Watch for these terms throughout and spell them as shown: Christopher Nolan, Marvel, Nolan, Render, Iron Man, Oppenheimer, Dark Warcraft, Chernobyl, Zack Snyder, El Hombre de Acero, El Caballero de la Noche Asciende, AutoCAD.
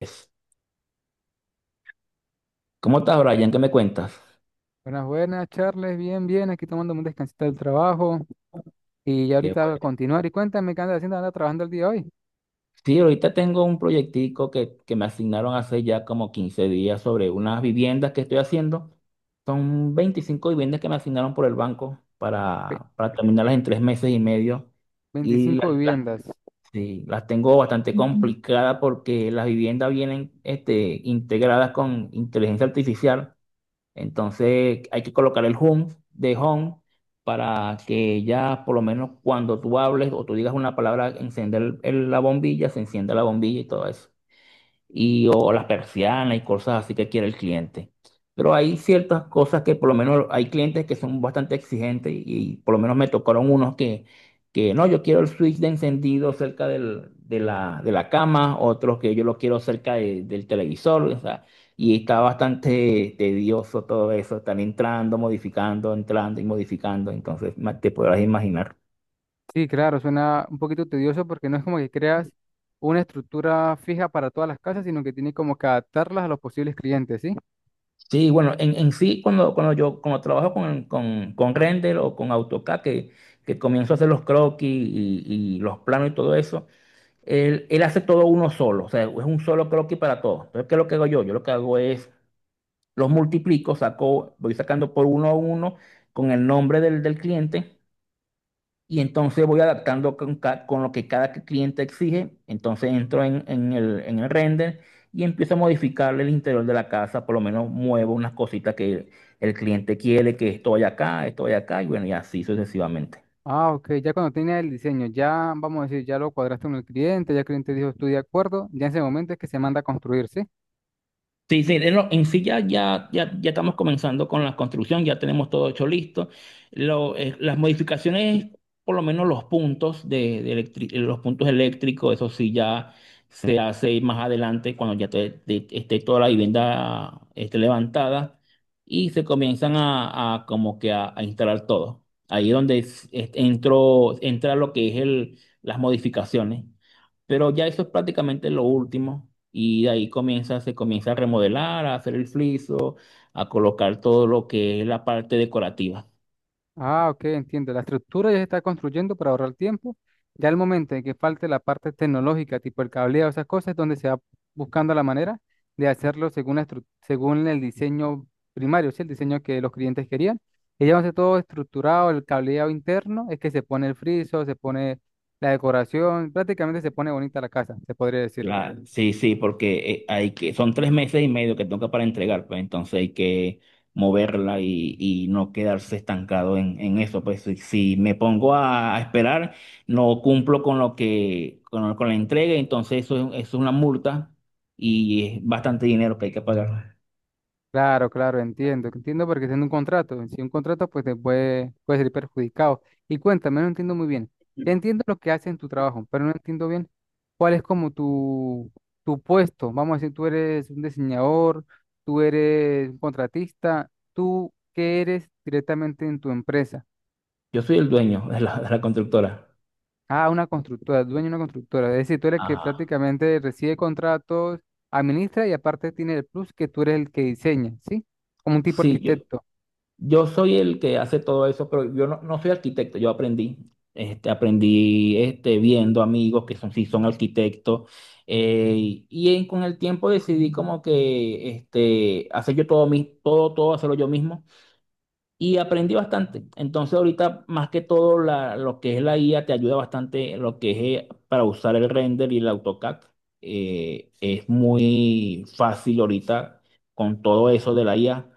Es- ¿Cómo estás, Brian? ¿Qué me cuentas? Buenas, buenas, Charles. Bien, bien. Aquí tomando un descansito del trabajo. Y ya Qué ahorita voy a bueno. continuar. Y cuéntame qué andas haciendo. Andas trabajando el día de hoy. Sí, ahorita tengo un proyectico que me asignaron hace ya como 15 días sobre unas viviendas que estoy haciendo. Son 25 viviendas que me asignaron por el banco Ve- para terminarlas en 3 meses y medio. Y las, 25 las- viviendas. sí, las tengo bastante, Ujú, complicadas porque las viviendas vienen integradas con inteligencia artificial. Entonces hay que colocar el home de home para que ya por lo menos cuando tú hables o tú digas una palabra, encender la bombilla, se encienda la bombilla y todo eso y o las persianas y cosas así que quiere el cliente. Pero hay ciertas cosas que por lo menos hay clientes que son bastante exigentes y por lo menos me tocaron unos que no, yo quiero el switch de encendido cerca de la cama, otros que yo lo quiero cerca del televisor, o sea, y está bastante tedioso todo eso, están entrando, modificando, entrando y modificando, entonces te podrás imaginar. Sí, claro, suena un poquito tedioso porque no es como que creas una estructura fija para todas las casas, sino que tienes como que adaptarlas a los posibles clientes, ¿sí? Sí, bueno, en sí, cuando, cuando yo cuando trabajo con Render o con AutoCAD, que comienzo a hacer los croquis y los planos y todo eso, él hace todo uno solo, o sea, es un solo croquis para todo. Entonces, ¿qué es lo que hago yo? Yo lo que hago es, los multiplico, saco, voy sacando por uno a uno con el nombre del cliente y entonces voy adaptando con lo que cada cliente exige. Entonces entro en el render y empiezo a modificarle el interior de la casa. Por lo menos muevo unas cositas que el cliente quiere, que esto vaya acá, y bueno, y así sucesivamente. Ah, ok. Ya cuando tienes el diseño, ya vamos a decir, ya lo cuadraste con el cliente, ya el cliente dijo, estoy de acuerdo. Ya en ese momento es que se manda a construir, ¿sí? Sí, sí, en sí ya estamos comenzando con la construcción, ya tenemos todo hecho listo. Las modificaciones, por lo menos los puntos los puntos eléctricos, eso sí ya se hace más adelante cuando ya esté toda la vivienda esté levantada y se comienzan a como que a instalar todo. Ahí es donde entra lo que es las modificaciones. Pero ya eso es prácticamente lo último. Y de ahí se comienza a remodelar, a hacer el friso, a colocar todo lo que es la parte decorativa. Ah, ok, entiendo. La estructura ya se está construyendo para ahorrar tiempo. Ya el momento en que falte la parte tecnológica, tipo el cableado, esas cosas, es donde se va buscando la manera de hacerlo según, según el diseño primario, ¿sí? El diseño que los clientes querían. Y ya va a ser todo estructurado, el cableado interno, es que se pone el friso, se pone la decoración, prácticamente se pone bonita la casa, se podría decir. Sí, sí, porque son 3 meses y medio que toca para entregar, pues entonces hay que moverla y no quedarse estancado en eso. Pues si me pongo a esperar, no cumplo con lo que, con la entrega, entonces eso, eso es una multa y es bastante dinero que hay que pagar. Claro, claro, entiendo. Entiendo porque tiene un contrato. Si un contrato, pues te puede, puede ser perjudicado. Y cuéntame, no entiendo muy bien. Ya entiendo lo que haces en tu trabajo, pero no entiendo bien cuál es como tu puesto. Vamos a decir, tú eres un diseñador, tú eres un contratista, tú qué eres directamente en tu empresa. Yo soy el dueño de la constructora. Ah, una constructora, dueño de una constructora. Es decir, tú eres el que Ajá. prácticamente recibe contratos, administra y aparte tiene el plus que tú eres el que diseña, ¿sí? Como un tipo Sí, yo, arquitecto. yo soy el que hace todo eso, pero yo no soy arquitecto, yo aprendí. Aprendí viendo amigos que son, sí son arquitectos. Con el tiempo decidí como que hacer yo todo, todo, hacerlo yo mismo. Y aprendí bastante. Entonces ahorita más que todo lo que es la IA te ayuda bastante lo que es para usar el render y el AutoCAD. Es muy fácil ahorita con todo eso de la IA.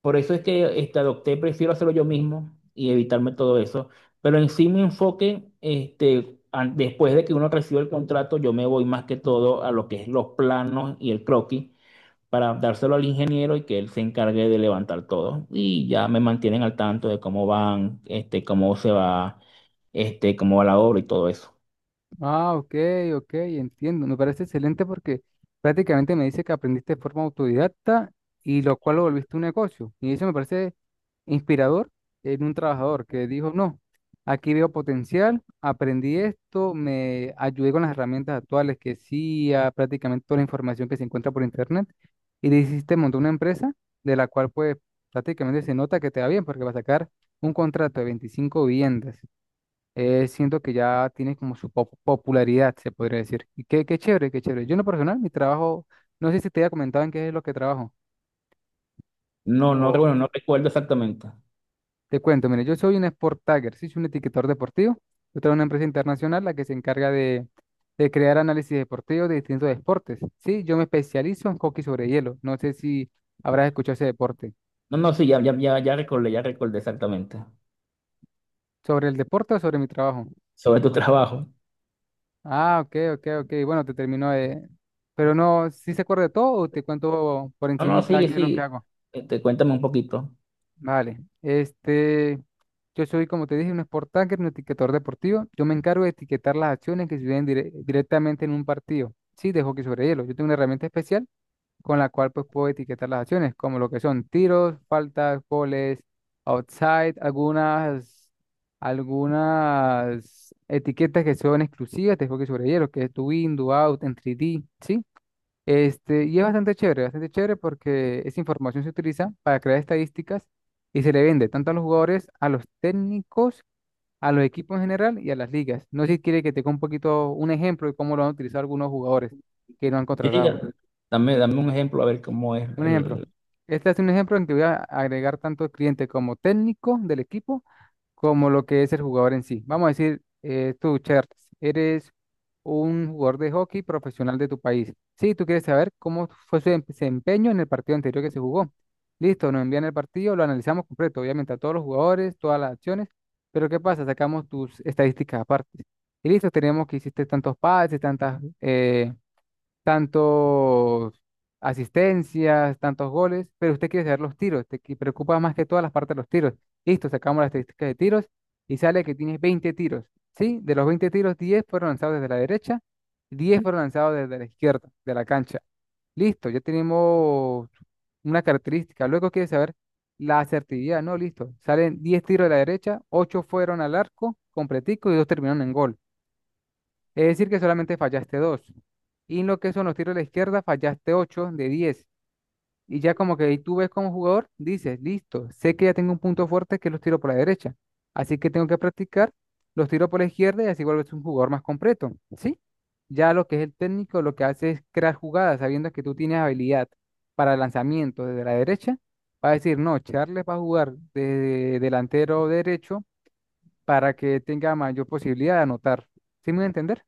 Por eso es que prefiero hacerlo yo mismo y evitarme todo eso. Pero en sí mi enfoque, después de que uno recibe el contrato, yo me voy más que todo a lo que es los planos y el croquis para dárselo al ingeniero y que él se encargue de levantar todo. Y ya me mantienen al tanto de cómo van, cómo se va, cómo va la obra y todo eso. Ah, ok, ok, entiendo. Me parece excelente porque prácticamente me dice que aprendiste de forma autodidacta y lo cual lo volviste un negocio. Y eso me parece inspirador en un trabajador que dijo, no, aquí veo potencial, aprendí esto, me ayudé con las herramientas actuales que sí, a prácticamente toda la información que se encuentra por internet y decidiste montar una empresa de la cual pues prácticamente se nota que te va bien porque va a sacar un contrato de 25 viviendas. Siento que ya tiene como su popularidad, se podría decir. Y qué, qué chévere, qué chévere. Yo en lo personal, mi trabajo, no sé si te había comentado en qué es lo que trabajo, No, no, o bueno, no recuerdo exactamente. te cuento, mire, yo soy un sport tagger, sí, soy un etiquetador deportivo. Yo tengo una empresa internacional la que se encarga de crear análisis deportivos de distintos deportes. Sí, yo me especializo en hockey sobre hielo. No sé si habrás escuchado ese deporte. No, no, sí, ya recordé exactamente ¿Sobre el deporte o sobre mi trabajo? sobre tu trabajo. Ah, ok, ok, ok. Bueno, te termino de... Pero no, ¿si se acuerda de todo o te cuento por No, no, encimita sigue, qué es lo que sigue. hago? Cuéntame un poquito. Vale, este, yo soy, como te dije, un sport tagger, un etiquetador deportivo. Yo me encargo de etiquetar las acciones que suceden directamente en un partido. Sí, de hockey sobre hielo. Yo tengo una herramienta especial con la cual pues puedo etiquetar las acciones, como lo que son tiros, faltas, goles, outside, algunas, algunas etiquetas que son exclusivas de hockey sobre hielo, que es do in, do out, en 3D, ¿sí? Este, y es bastante chévere porque esa información se utiliza para crear estadísticas y se le vende tanto a los jugadores, a los técnicos, a los equipos en general y a las ligas. No sé si quiere que te dé un poquito un ejemplo de cómo lo han utilizado algunos jugadores que no han Sí, sí, contratado. dame un ejemplo a ver cómo es Un ejemplo. el... Este es un ejemplo en que voy a agregar tanto cliente como técnico del equipo como lo que es el jugador en sí. Vamos a decir, tú, Charles, eres un jugador de hockey profesional de tu país. Sí, tú quieres saber cómo fue su desempeño en el partido anterior que se jugó. Listo, nos envían el partido, lo analizamos completo, obviamente a todos los jugadores, todas las acciones, pero ¿qué pasa? Sacamos tus estadísticas aparte. Y listo, tenemos que hiciste tantos pases, tantas tantos asistencias, tantos goles, pero usted quiere saber los tiros, preocupa más que todas las partes de los tiros. Listo, sacamos las estadísticas de tiros y sale que tienes 20 tiros, ¿sí? De los 20 tiros, 10 fueron lanzados desde la derecha, 10 fueron lanzados desde la izquierda de la cancha. Listo, ya tenemos una característica. Luego quiere saber la asertividad, ¿no? Listo, salen 10 tiros de la derecha, 8 fueron al arco completico y 2 terminaron en gol. Es decir, que solamente fallaste dos. Y en lo que son los tiros a la izquierda, fallaste 8 de diez. Y ya como que ahí tú ves como jugador, dices, listo, sé que ya tengo un punto fuerte que es los tiros por la derecha. Así que tengo que practicar los tiros por la izquierda y así vuelves un jugador más completo, ¿sí? Ya lo que es el técnico, lo que hace es crear jugadas, sabiendo que tú tienes habilidad para el lanzamiento desde la derecha. Va a decir, no, Charles va a jugar de delantero derecho para que tenga mayor posibilidad de anotar. ¿Sí me voy a entender?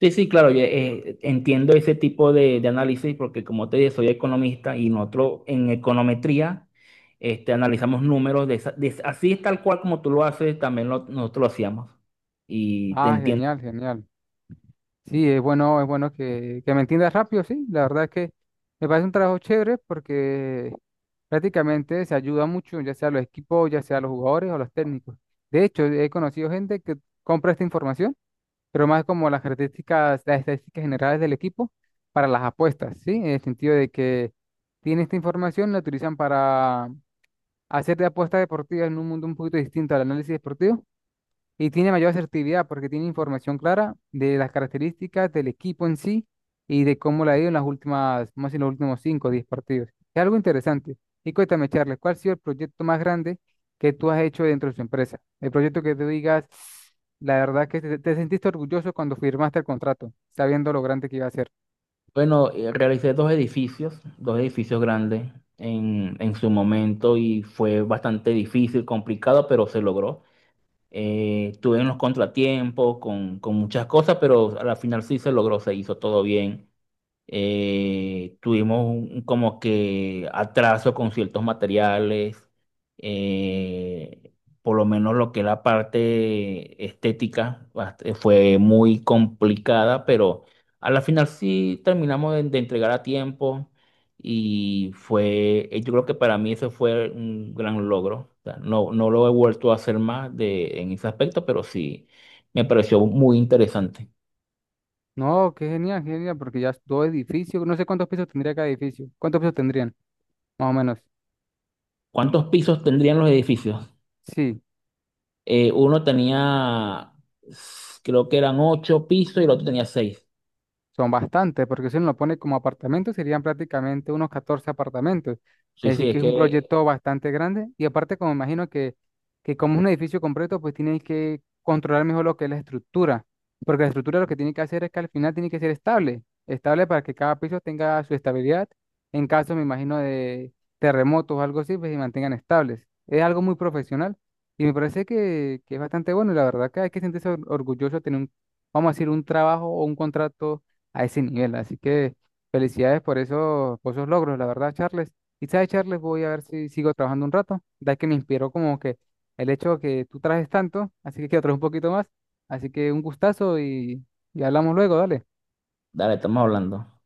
Sí, sí, claro, entiendo ese tipo de análisis porque como te dije, soy economista y nosotros en econometría analizamos números de así es tal cual como tú lo haces, también nosotros lo hacíamos. Y te Ah, entiendo. genial, genial. Sí, es bueno que me entiendas rápido, sí. La verdad es que me parece un trabajo chévere porque prácticamente se ayuda mucho, ya sea los equipos, ya sea los jugadores o los técnicos. De hecho, he conocido gente que compra esta información, pero más como las características, las estadísticas generales del equipo para las apuestas, ¿sí? En el sentido de que tiene esta información, la utilizan para hacer de apuestas deportivas en un mundo un poquito distinto al análisis deportivo y tiene mayor asertividad porque tiene información clara de las características del equipo en sí y de cómo le ha ido en las últimas, más en los últimos 5 o 10 partidos. Es algo interesante. Y cuéntame, Charles, ¿cuál ha sido el proyecto más grande que tú has hecho dentro de su empresa? El proyecto que tú digas, la verdad que te sentiste orgulloso cuando firmaste el contrato, sabiendo lo grande que iba a ser. Bueno, realicé dos edificios grandes en su momento y fue bastante difícil, complicado, pero se logró. Tuve unos contratiempos con muchas cosas, pero al final sí se logró, se hizo todo bien, tuvimos como que atraso con ciertos materiales, eh, por lo menos lo que es la parte estética fue muy complicada, pero a la final sí terminamos de entregar a tiempo yo creo que para mí eso fue un gran logro. O sea, no, no lo he vuelto a hacer más en ese aspecto, pero sí me pareció muy interesante. No, qué genial, porque ya es dos edificios, no sé cuántos pisos tendría cada edificio. ¿Cuántos pisos tendrían? Más o menos. ¿Cuántos pisos tendrían los edificios? Sí. Uno tenía, creo que eran 8 pisos y el otro tenía 6. Son bastantes, porque si uno lo pone como apartamento, serían prácticamente unos 14 apartamentos. Sí, Es sí, decir, es que es un que, proyecto bastante grande. Y aparte, como imagino que como es un edificio completo, pues tienen que controlar mejor lo que es la estructura. Porque la estructura lo que tiene que hacer es que al final tiene que ser estable. Estable para que cada piso tenga su estabilidad. En caso, me imagino, de terremotos o algo así, pues se mantengan estables. Es algo muy profesional. Y me parece que es bastante bueno. Y la verdad que hay que sentirse orgulloso de tener un, vamos a decir, un trabajo o un contrato a ese nivel. Así que felicidades por esos logros, la verdad, Charles. Y sabes, Charles, voy a ver si sigo trabajando un rato, ya que me inspiró como que el hecho que tú trajes tanto, así que quiero traer un poquito más. Así que un gustazo y hablamos luego, dale. dale, estamos hablando.